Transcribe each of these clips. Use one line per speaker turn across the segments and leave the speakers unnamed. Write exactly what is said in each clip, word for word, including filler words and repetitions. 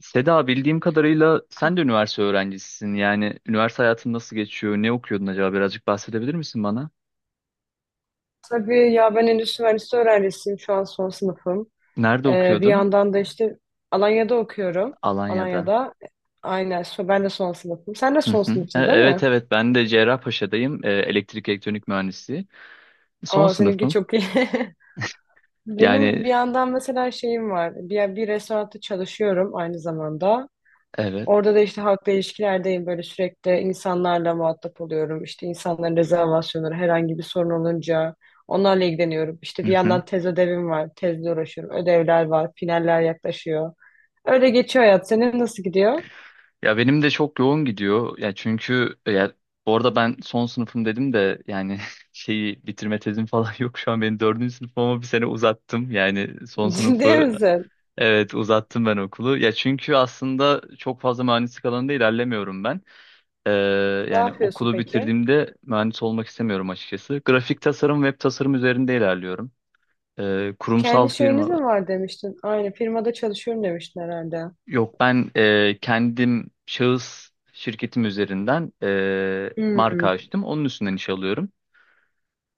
Seda bildiğim kadarıyla sen de üniversite öğrencisisin. Yani üniversite hayatın nasıl geçiyor? Ne okuyordun acaba? Birazcık bahsedebilir misin bana?
Tabii ya ben endüstri mühendisliği öğrencisiyim. Şu an son sınıfım.
Nerede
Ee, bir
okuyordun?
yandan da işte Alanya'da okuyorum.
Alanya'da.
Alanya'da. Aynen. so- Ben de son sınıfım. Sen de
Hı
son
hı. E-
sınıfsın, değil
Evet
mi?
evet, ben de Cerrahpaşa'dayım. E, Elektrik elektronik mühendisliği. Son
Aa, seninki
sınıfım.
çok iyi.
Yani
Benim bir yandan mesela şeyim var. Bir, bir restoranda çalışıyorum aynı zamanda.
evet.
Orada da işte halkla ilişkilerdeyim, böyle sürekli insanlarla muhatap oluyorum. İşte insanların rezervasyonları, herhangi bir sorun olunca onlarla ilgileniyorum. İşte
Hı
bir
hı.
yandan tez ödevim var, tezle uğraşıyorum. Ödevler var, finaller yaklaşıyor. Öyle geçiyor hayat. Senin nasıl gidiyor?
Ya benim de çok yoğun gidiyor. Ya çünkü e, ya bu arada ben son sınıfım dedim de yani şeyi bitirme tezim falan yok şu an. Benim dördüncü sınıfım ama bir sene uzattım. Yani son
Ciddi
sınıfı,
misin?
evet, uzattım ben okulu. Ya çünkü aslında çok fazla mühendislik alanında ilerlemiyorum ben. Ee,
Ne
yani
yapıyorsun
okulu
peki?
bitirdiğimde mühendis olmak istemiyorum açıkçası. Grafik tasarım, web tasarım üzerinde ilerliyorum. Ee, kurumsal
Kendi şeyiniz
firma.
mi var demiştin? Aynı firmada çalışıyorum demiştin herhalde.
Yok, ben e, kendim şahıs şirketim üzerinden e, marka
Hmm,
açtım. Onun üstünden iş alıyorum.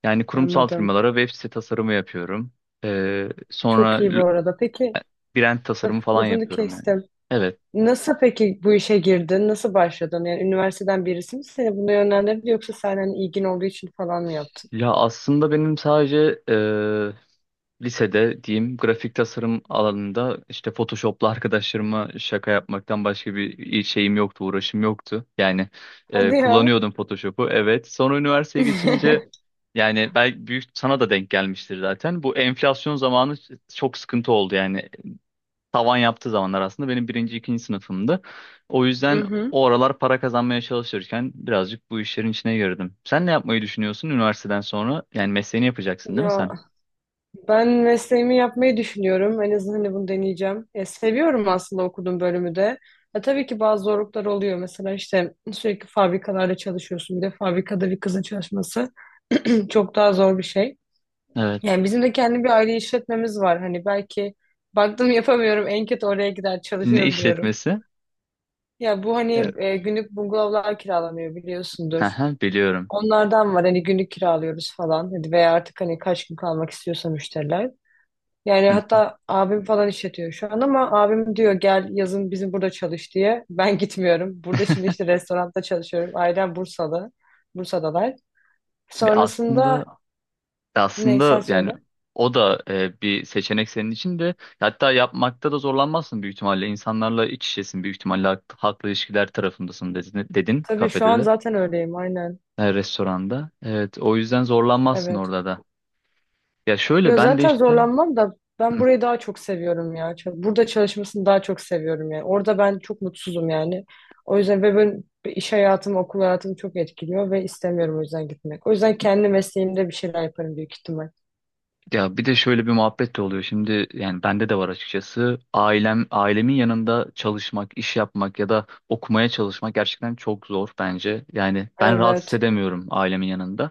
Yani kurumsal
anladım.
firmalara web site tasarımı yapıyorum. E, sonra
Çok iyi bu
l-
arada. Peki
brand tasarımı
laf-
falan
lafını
yapıyorum yani.
kestim.
Evet.
Nasıl peki bu işe girdin? Nasıl başladın? Yani üniversiteden birisi mi seni buna yönlendirdi, yoksa sen hani ilgin olduğu için falan mı yaptın?
Ya aslında benim sadece lisede diyeyim grafik tasarım alanında işte Photoshop'la arkadaşlarıma şaka yapmaktan başka bir şeyim yoktu, uğraşım yoktu. Yani e,
Hadi ya.
kullanıyordum Photoshop'u, evet. Sonra üniversiteye geçince yani belki büyük sana da denk gelmiştir zaten. Bu enflasyon zamanı çok sıkıntı oldu yani. Tavan yaptığı zamanlar aslında benim birinci, ikinci sınıfımdı. O
Hı
yüzden
hı.
o aralar para kazanmaya çalışırken birazcık bu işlerin içine girdim. Sen ne yapmayı düşünüyorsun üniversiteden sonra? Yani mesleğini yapacaksın değil mi
Ya
sen?
ben mesleğimi yapmayı düşünüyorum. En azından hani bunu deneyeceğim. Ya, seviyorum aslında okuduğum bölümü de. Ya, tabii ki bazı zorluklar oluyor. Mesela işte sürekli fabrikalarda çalışıyorsun. Bir de fabrikada bir kızın çalışması çok daha zor bir şey.
Evet.
Yani bizim de kendi bir aile işletmemiz var. Hani belki baktım yapamıyorum, en kötü oraya gider
Ne
çalışıyorum diyorum.
işletmesi?
Ya bu hani
Evet.
e, günlük bungalovlar kiralanıyor,
Hı
biliyorsundur.
hı, biliyorum.
Onlardan var, hani günlük kiralıyoruz falan. Hadi veya artık hani kaç gün kalmak istiyorsa müşteriler. Yani
Hı.
hatta abim falan işletiyor şu an, ama abim diyor gel yazın bizim burada çalış diye. Ben gitmiyorum. Burada şimdi işte restoranda çalışıyorum. Ailem Bursalı. Bursa'dalar.
Bir Aslında
Sonrasında ne sen
aslında
söyle.
yani o da e, bir seçenek senin için de, hatta yapmakta da zorlanmazsın büyük ihtimalle. İnsanlarla iç içesin büyük ihtimalle, hak- halkla ilişkiler tarafındasın dedin, dedin
Tabii, şu
kafede
an
de
zaten öyleyim, aynen.
e, restoranda. Evet, o yüzden zorlanmazsın
Evet.
orada da. Ya şöyle
Ya
ben de
zaten
işte
zorlanmam da, ben burayı daha çok seviyorum ya. Ç- Burada çalışmasını daha çok seviyorum yani. Orada ben çok mutsuzum yani. O yüzden ve ben iş hayatım, okul hayatım çok etkiliyor ve istemiyorum o yüzden gitmek. O yüzden kendi mesleğimde bir şeyler yaparım büyük ihtimal.
ya bir de şöyle bir muhabbet de oluyor. Şimdi yani bende de var açıkçası. Ailem ailemin yanında çalışmak, iş yapmak ya da okumaya çalışmak gerçekten çok zor bence. Yani ben rahat
Evet.
hissedemiyorum ailemin yanında.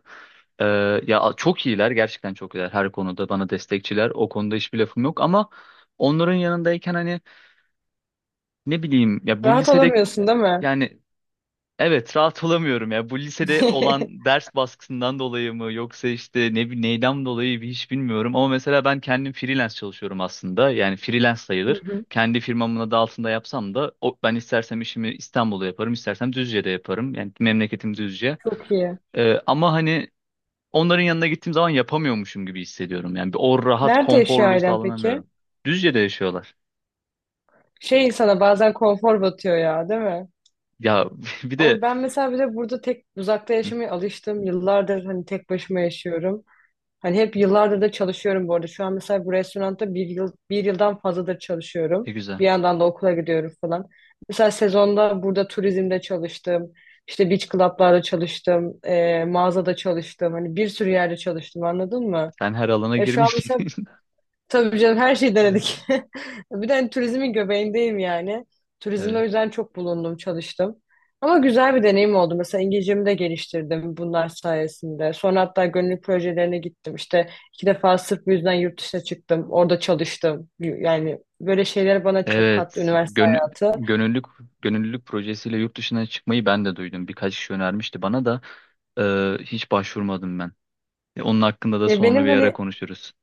Ee, ya çok iyiler, gerçekten çok iyiler, her konuda bana destekçiler. O konuda hiçbir lafım yok ama onların yanındayken hani ne bileyim ya, bu
Rahat
lisede
olamıyorsun, değil mi?
yani evet, rahat olamıyorum ya. Bu lisede olan ders baskısından dolayı mı yoksa işte ne bi- neyden dolayı bir hiç bilmiyorum. Ama mesela ben kendim freelance çalışıyorum aslında. Yani freelance
Hı
sayılır.
hı.
Kendi firmamın adı altında yapsam da o, ben istersem işimi İstanbul'da yaparım, istersem Düzce'de yaparım. Yani memleketim Düzce.
Çok iyi.
Ee, ama hani onların yanına gittiğim zaman yapamıyormuşum gibi hissediyorum. Yani bir o rahat
Nerede yaşıyor
konforluğu
ailen peki?
sağlanamıyorum. Düzce'de yaşıyorlar.
Şey, insana bazen konfor batıyor ya, değil mi?
Ya bir de
Ama ben mesela bir de burada tek uzakta yaşamaya alıştım. Yıllardır hani tek başıma yaşıyorum. Hani hep yıllardır da çalışıyorum bu arada. Şu an mesela bu restoranda bir yıl, bir yıldan fazladır çalışıyorum.
ne güzel.
Bir yandan da okula gidiyorum falan. Mesela sezonda burada turizmde çalıştım. İşte beach club'larda çalıştım. eee, mağazada çalıştım. Hani bir sürü yerde çalıştım, anladın mı?
Sen her alana
E şu an mesela
girmişsin.
Tabii canım, her şeyi
Evet.
denedik. Bir de hani turizmin göbeğindeyim yani. Turizmde
Evet.
o yüzden çok bulundum, çalıştım. Ama güzel bir deneyim oldu. Mesela İngilizcemi de geliştirdim bunlar sayesinde. Sonra hatta gönüllü projelerine gittim. İşte iki defa sırf bu yüzden yurt dışına çıktım. Orada çalıştım. Yani böyle şeyler bana çok kattı
Evet,
üniversite
gönü-
hayatı.
gönüllülük gönüllülük projesiyle yurt dışına çıkmayı ben de duydum. Birkaç kişi önermişti bana da e, hiç başvurmadım ben. E, onun hakkında da
E
sonra
benim
bir ara
hani
konuşuruz.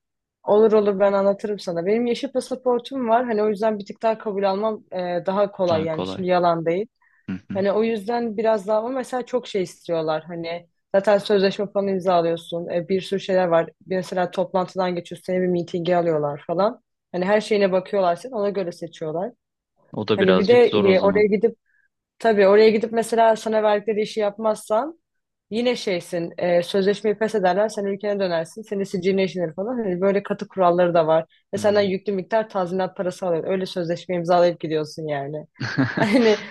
Olur olur, ben anlatırım sana. Benim yeşil pasaportum var. Hani o yüzden bir tık daha kabul almam e, daha kolay
Daha
yani.
kolay.
Şimdi yalan değil.
Hı hı.
Hani o yüzden biraz daha, ama mesela çok şey istiyorlar. Hani zaten sözleşme falan imzalıyorsun. E, bir sürü şeyler var. Bir Mesela toplantıdan geçiyorsun. Seni bir mitinge alıyorlar falan. Hani her şeyine bakıyorlar senin. Ona göre seçiyorlar.
O da
Hani bir de
birazcık zor o
e,
zaman.
oraya gidip Tabii oraya gidip mesela sana verdikleri işi yapmazsan yine şeysin, e, sözleşmeyi pes ederler, sen ülkene dönersin, senin siciline işlenir falan. Hani böyle katı kuralları da var. Ve senden
Hmm.
yüklü miktar tazminat parası alıyor. Öyle sözleşme imzalayıp gidiyorsun yani. Hani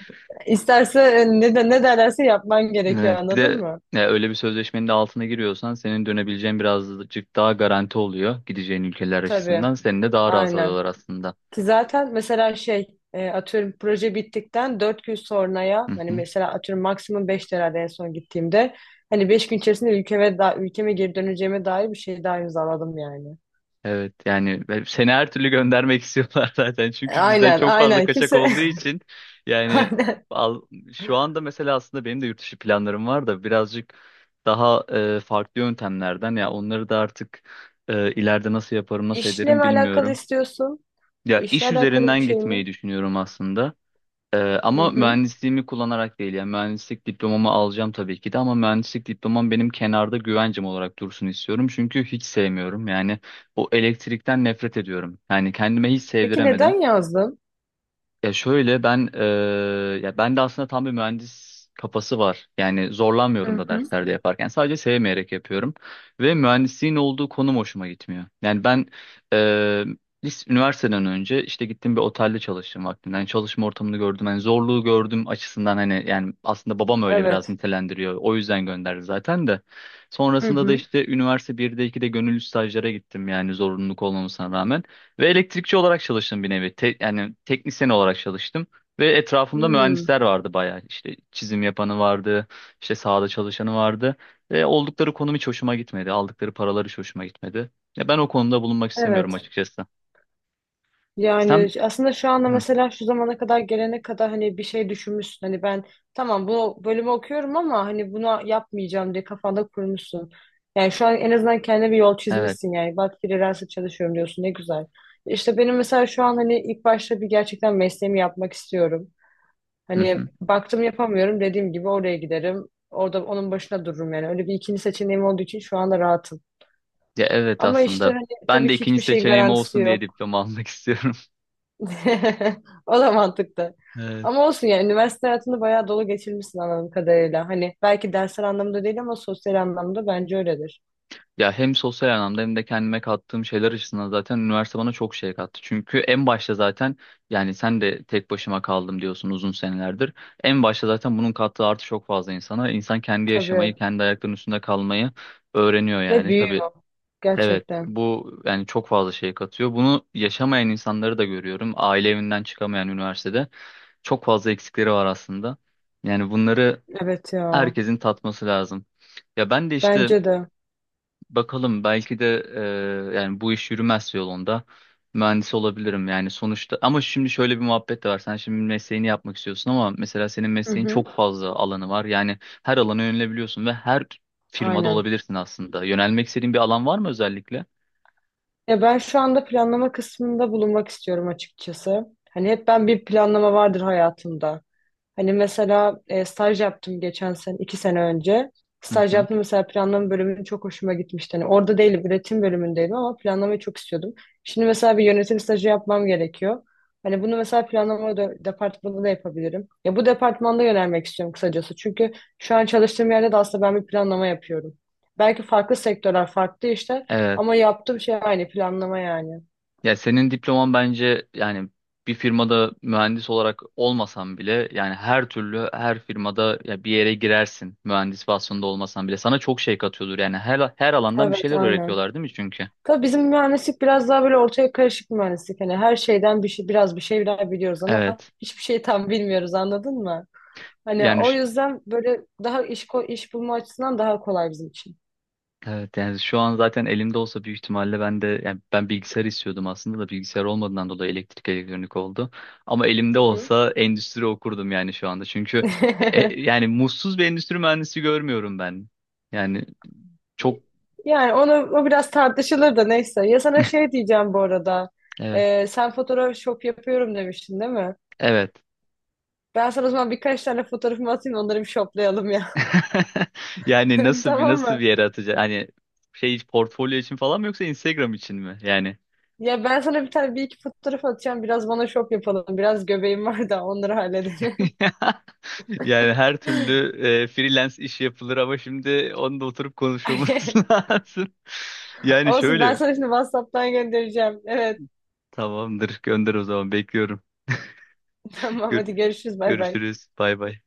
isterse e, ne, de, ne derlerse yapman gerekiyor,
Evet, bir
anladın
de
mı?
ya öyle bir sözleşmenin de altına giriyorsan senin dönebileceğin birazcık daha garanti oluyor gideceğin ülkeler
Tabii,
açısından. Seni de daha rahat
aynen.
alıyorlar aslında.
Ki zaten mesela şey e, atıyorum proje bittikten dört gün sonraya, hani mesela atıyorum maksimum beş herhalde en son gittiğimde, hani beş gün içerisinde ülkeme, da, ülkeme geri döneceğime dair bir şey daha imzaladım yani.
Evet, yani ben- seni her türlü göndermek istiyorlar zaten. Çünkü bizden
Aynen,
çok fazla
aynen,
kaçak
kimse.
olduğu için yani
Aynen.
al, şu anda mesela aslında benim de yurt dışı planlarım var da birazcık daha e, farklı yöntemlerden. Ya onları da artık e, ileride nasıl yaparım nasıl
İşle mi
ederim
alakalı
bilmiyorum.
istiyorsun?
Ya
İşle
iş
alakalı
üzerinden
bir şey mi?
gitmeyi düşünüyorum aslında. Ee,
Hı
ama
hı.
mühendisliğimi kullanarak değil. Yani mühendislik diplomamı alacağım tabii ki de ama mühendislik diplomam benim kenarda güvencem olarak dursun istiyorum. Çünkü hiç sevmiyorum yani, o elektrikten nefret ediyorum. Yani kendime hiç
Peki
sevdiremedim.
neden yazdın?
Ya şöyle ben eee, ya ben de aslında tam bir mühendis kafası var. Yani zorlanmıyorum
Hı
da
hı.
derslerde yaparken. Sadece sevmeyerek yapıyorum. Ve mühendisliğin olduğu konum hoşuma gitmiyor. Yani ben eee lis- üniversiteden önce işte gittim bir otelde çalıştım vaktinden. Çalışma ortamını gördüm. Yani zorluğu gördüm açısından hani, yani aslında babam öyle biraz
Evet.
nitelendiriyor. O yüzden gönderdi zaten de.
Hı
Sonrasında da
hı.
işte üniversite birde ikide gönüllü stajlara gittim yani, zorunluluk olmamasına rağmen. Ve elektrikçi olarak çalıştım bir nevi. Te- yani teknisyen olarak çalıştım. Ve etrafımda
Hmm.
mühendisler vardı bayağı. İşte çizim yapanı vardı, işte sahada çalışanı vardı. Ve oldukları konum hiç hoşuma gitmedi. Aldıkları paralar hiç hoşuma gitmedi. Ya ben o konuda bulunmak istemiyorum
Evet.
açıkçası. Sen...
Yani aslında şu anda
Hı,
mesela şu zamana kadar gelene kadar hani bir şey düşünmüşsün. Hani ben tamam bu bölümü okuyorum ama hani buna yapmayacağım diye kafanda kurmuşsun. Yani şu an en azından kendine bir yol
evet.
çizmişsin yani. Bak, freelance çalışıyorum diyorsun, ne güzel. İşte benim mesela şu an hani ilk başta bir gerçekten mesleğimi yapmak istiyorum.
Hı
Hani
hı.
baktım yapamıyorum dediğim gibi oraya giderim. Orada onun başına dururum yani. Öyle bir ikinci seçeneğim olduğu için şu anda rahatım.
Ya evet
Ama işte
aslında.
hani
Ben
tabii
de
ki
ikinci
hiçbir şeyin
seçeneğim
garantisi
olsun diye
yok.
diploma almak istiyorum.
O da mantıklı.
Evet.
Ama olsun, yani üniversite hayatını bayağı dolu geçirmişsin anladığım kadarıyla. Hani belki dersler anlamında değil, ama sosyal anlamda bence öyledir.
Ya hem sosyal anlamda hem de kendime kattığım şeyler açısından zaten üniversite bana çok şey kattı. Çünkü en başta zaten yani sen de tek başıma kaldım diyorsun uzun senelerdir. En başta zaten bunun kattığı artı çok fazla insana. İnsan kendi
Tabii.
yaşamayı, kendi ayaklarının üstünde kalmayı öğreniyor
Ve
yani. Tabii,
büyüyor.
evet,
Gerçekten.
bu yani çok fazla şey katıyor. Bunu yaşamayan insanları da görüyorum. Aile evinden çıkamayan üniversitede çok fazla eksikleri var aslında. Yani bunları
Evet ya.
herkesin tatması lazım. Ya ben de işte
Bence de.
bakalım, belki de e, yani bu iş yürümez yolunda mühendis olabilirim yani sonuçta. Ama şimdi şöyle bir muhabbet de var, sen şimdi mesleğini yapmak istiyorsun ama mesela senin
Hı
mesleğin
hı.
çok fazla alanı var, yani her alana yönelebiliyorsun ve her firmada
Aynen.
olabilirsin aslında. Yönelmek istediğin bir alan var mı özellikle?
Ya ben şu anda planlama kısmında bulunmak istiyorum açıkçası. Hani hep ben, bir planlama vardır hayatımda. Hani mesela e, staj yaptım geçen sene, iki sene önce.
Hı
Staj
hı.
yaptım, mesela planlama bölümü çok hoşuma gitmişti. Hani orada değilim, üretim bölümündeydim ama planlamayı çok istiyordum. Şimdi mesela bir yönetim stajı yapmam gerekiyor. Hani bunu mesela planlama de- departmanında da yapabilirim. Ya bu departmanda yönelmek istiyorum kısacası. Çünkü şu an çalıştığım yerde de aslında ben bir planlama yapıyorum. Belki farklı sektörler, farklı işler,
Evet.
ama yaptığım şey aynı, planlama yani.
Ya senin diploman bence yani bir firmada mühendis olarak olmasan bile, yani her türlü her firmada ya bir yere girersin, mühendis vasfında olmasan bile sana çok şey katıyordur yani, her her alandan bir
Evet,
şeyler
aynen.
öğretiyorlar değil mi çünkü?
Tabii bizim mühendislik biraz daha böyle ortaya karışık mühendislik. Hani her şeyden bir şey, biraz bir şeyler biliyoruz ama
Evet.
hiçbir şeyi tam bilmiyoruz, anladın mı? Hani
Yani
o
ş-
yüzden böyle daha iş, ko- iş bulma açısından daha kolay bizim için.
evet, yani şu an zaten elimde olsa büyük ihtimalle ben de, yani ben bilgisayar istiyordum aslında da bilgisayar olmadığından dolayı elektrik elektronik oldu. Ama
Hı
elimde
hı.
olsa endüstri okurdum yani şu anda. Çünkü e, e, yani mutsuz bir endüstri mühendisi görmüyorum ben. Yani çok
Yani onu, o biraz tartışılır da, neyse. Ya sana şey diyeceğim bu arada.
evet.
Ee, sen fotoğraf shop yapıyorum demiştin, değil mi?
Evet.
Ben sana o zaman birkaç tane fotoğrafımı atayım, onları bir shoplayalım ya.
Yani nasıl bir,
Tamam
nasıl bir
mı?
yere atacak? Hani şey portfolyo için falan mı yoksa Instagram için mi? Yani
Ya ben sana bir tane bir iki fotoğraf atacağım. Biraz bana şop yapalım. Biraz göbeğim var da onları halledelim.
yani her türlü e, freelance iş yapılır ama şimdi onu da oturup konuşmamız lazım. Yani
Olsun, ben
şöyle
sana şimdi WhatsApp'tan göndereceğim. Evet,
tamamdır, gönder o zaman, bekliyorum.
tamam, hadi
Gör-
görüşürüz, bay bay.
görüşürüz. Bay bay.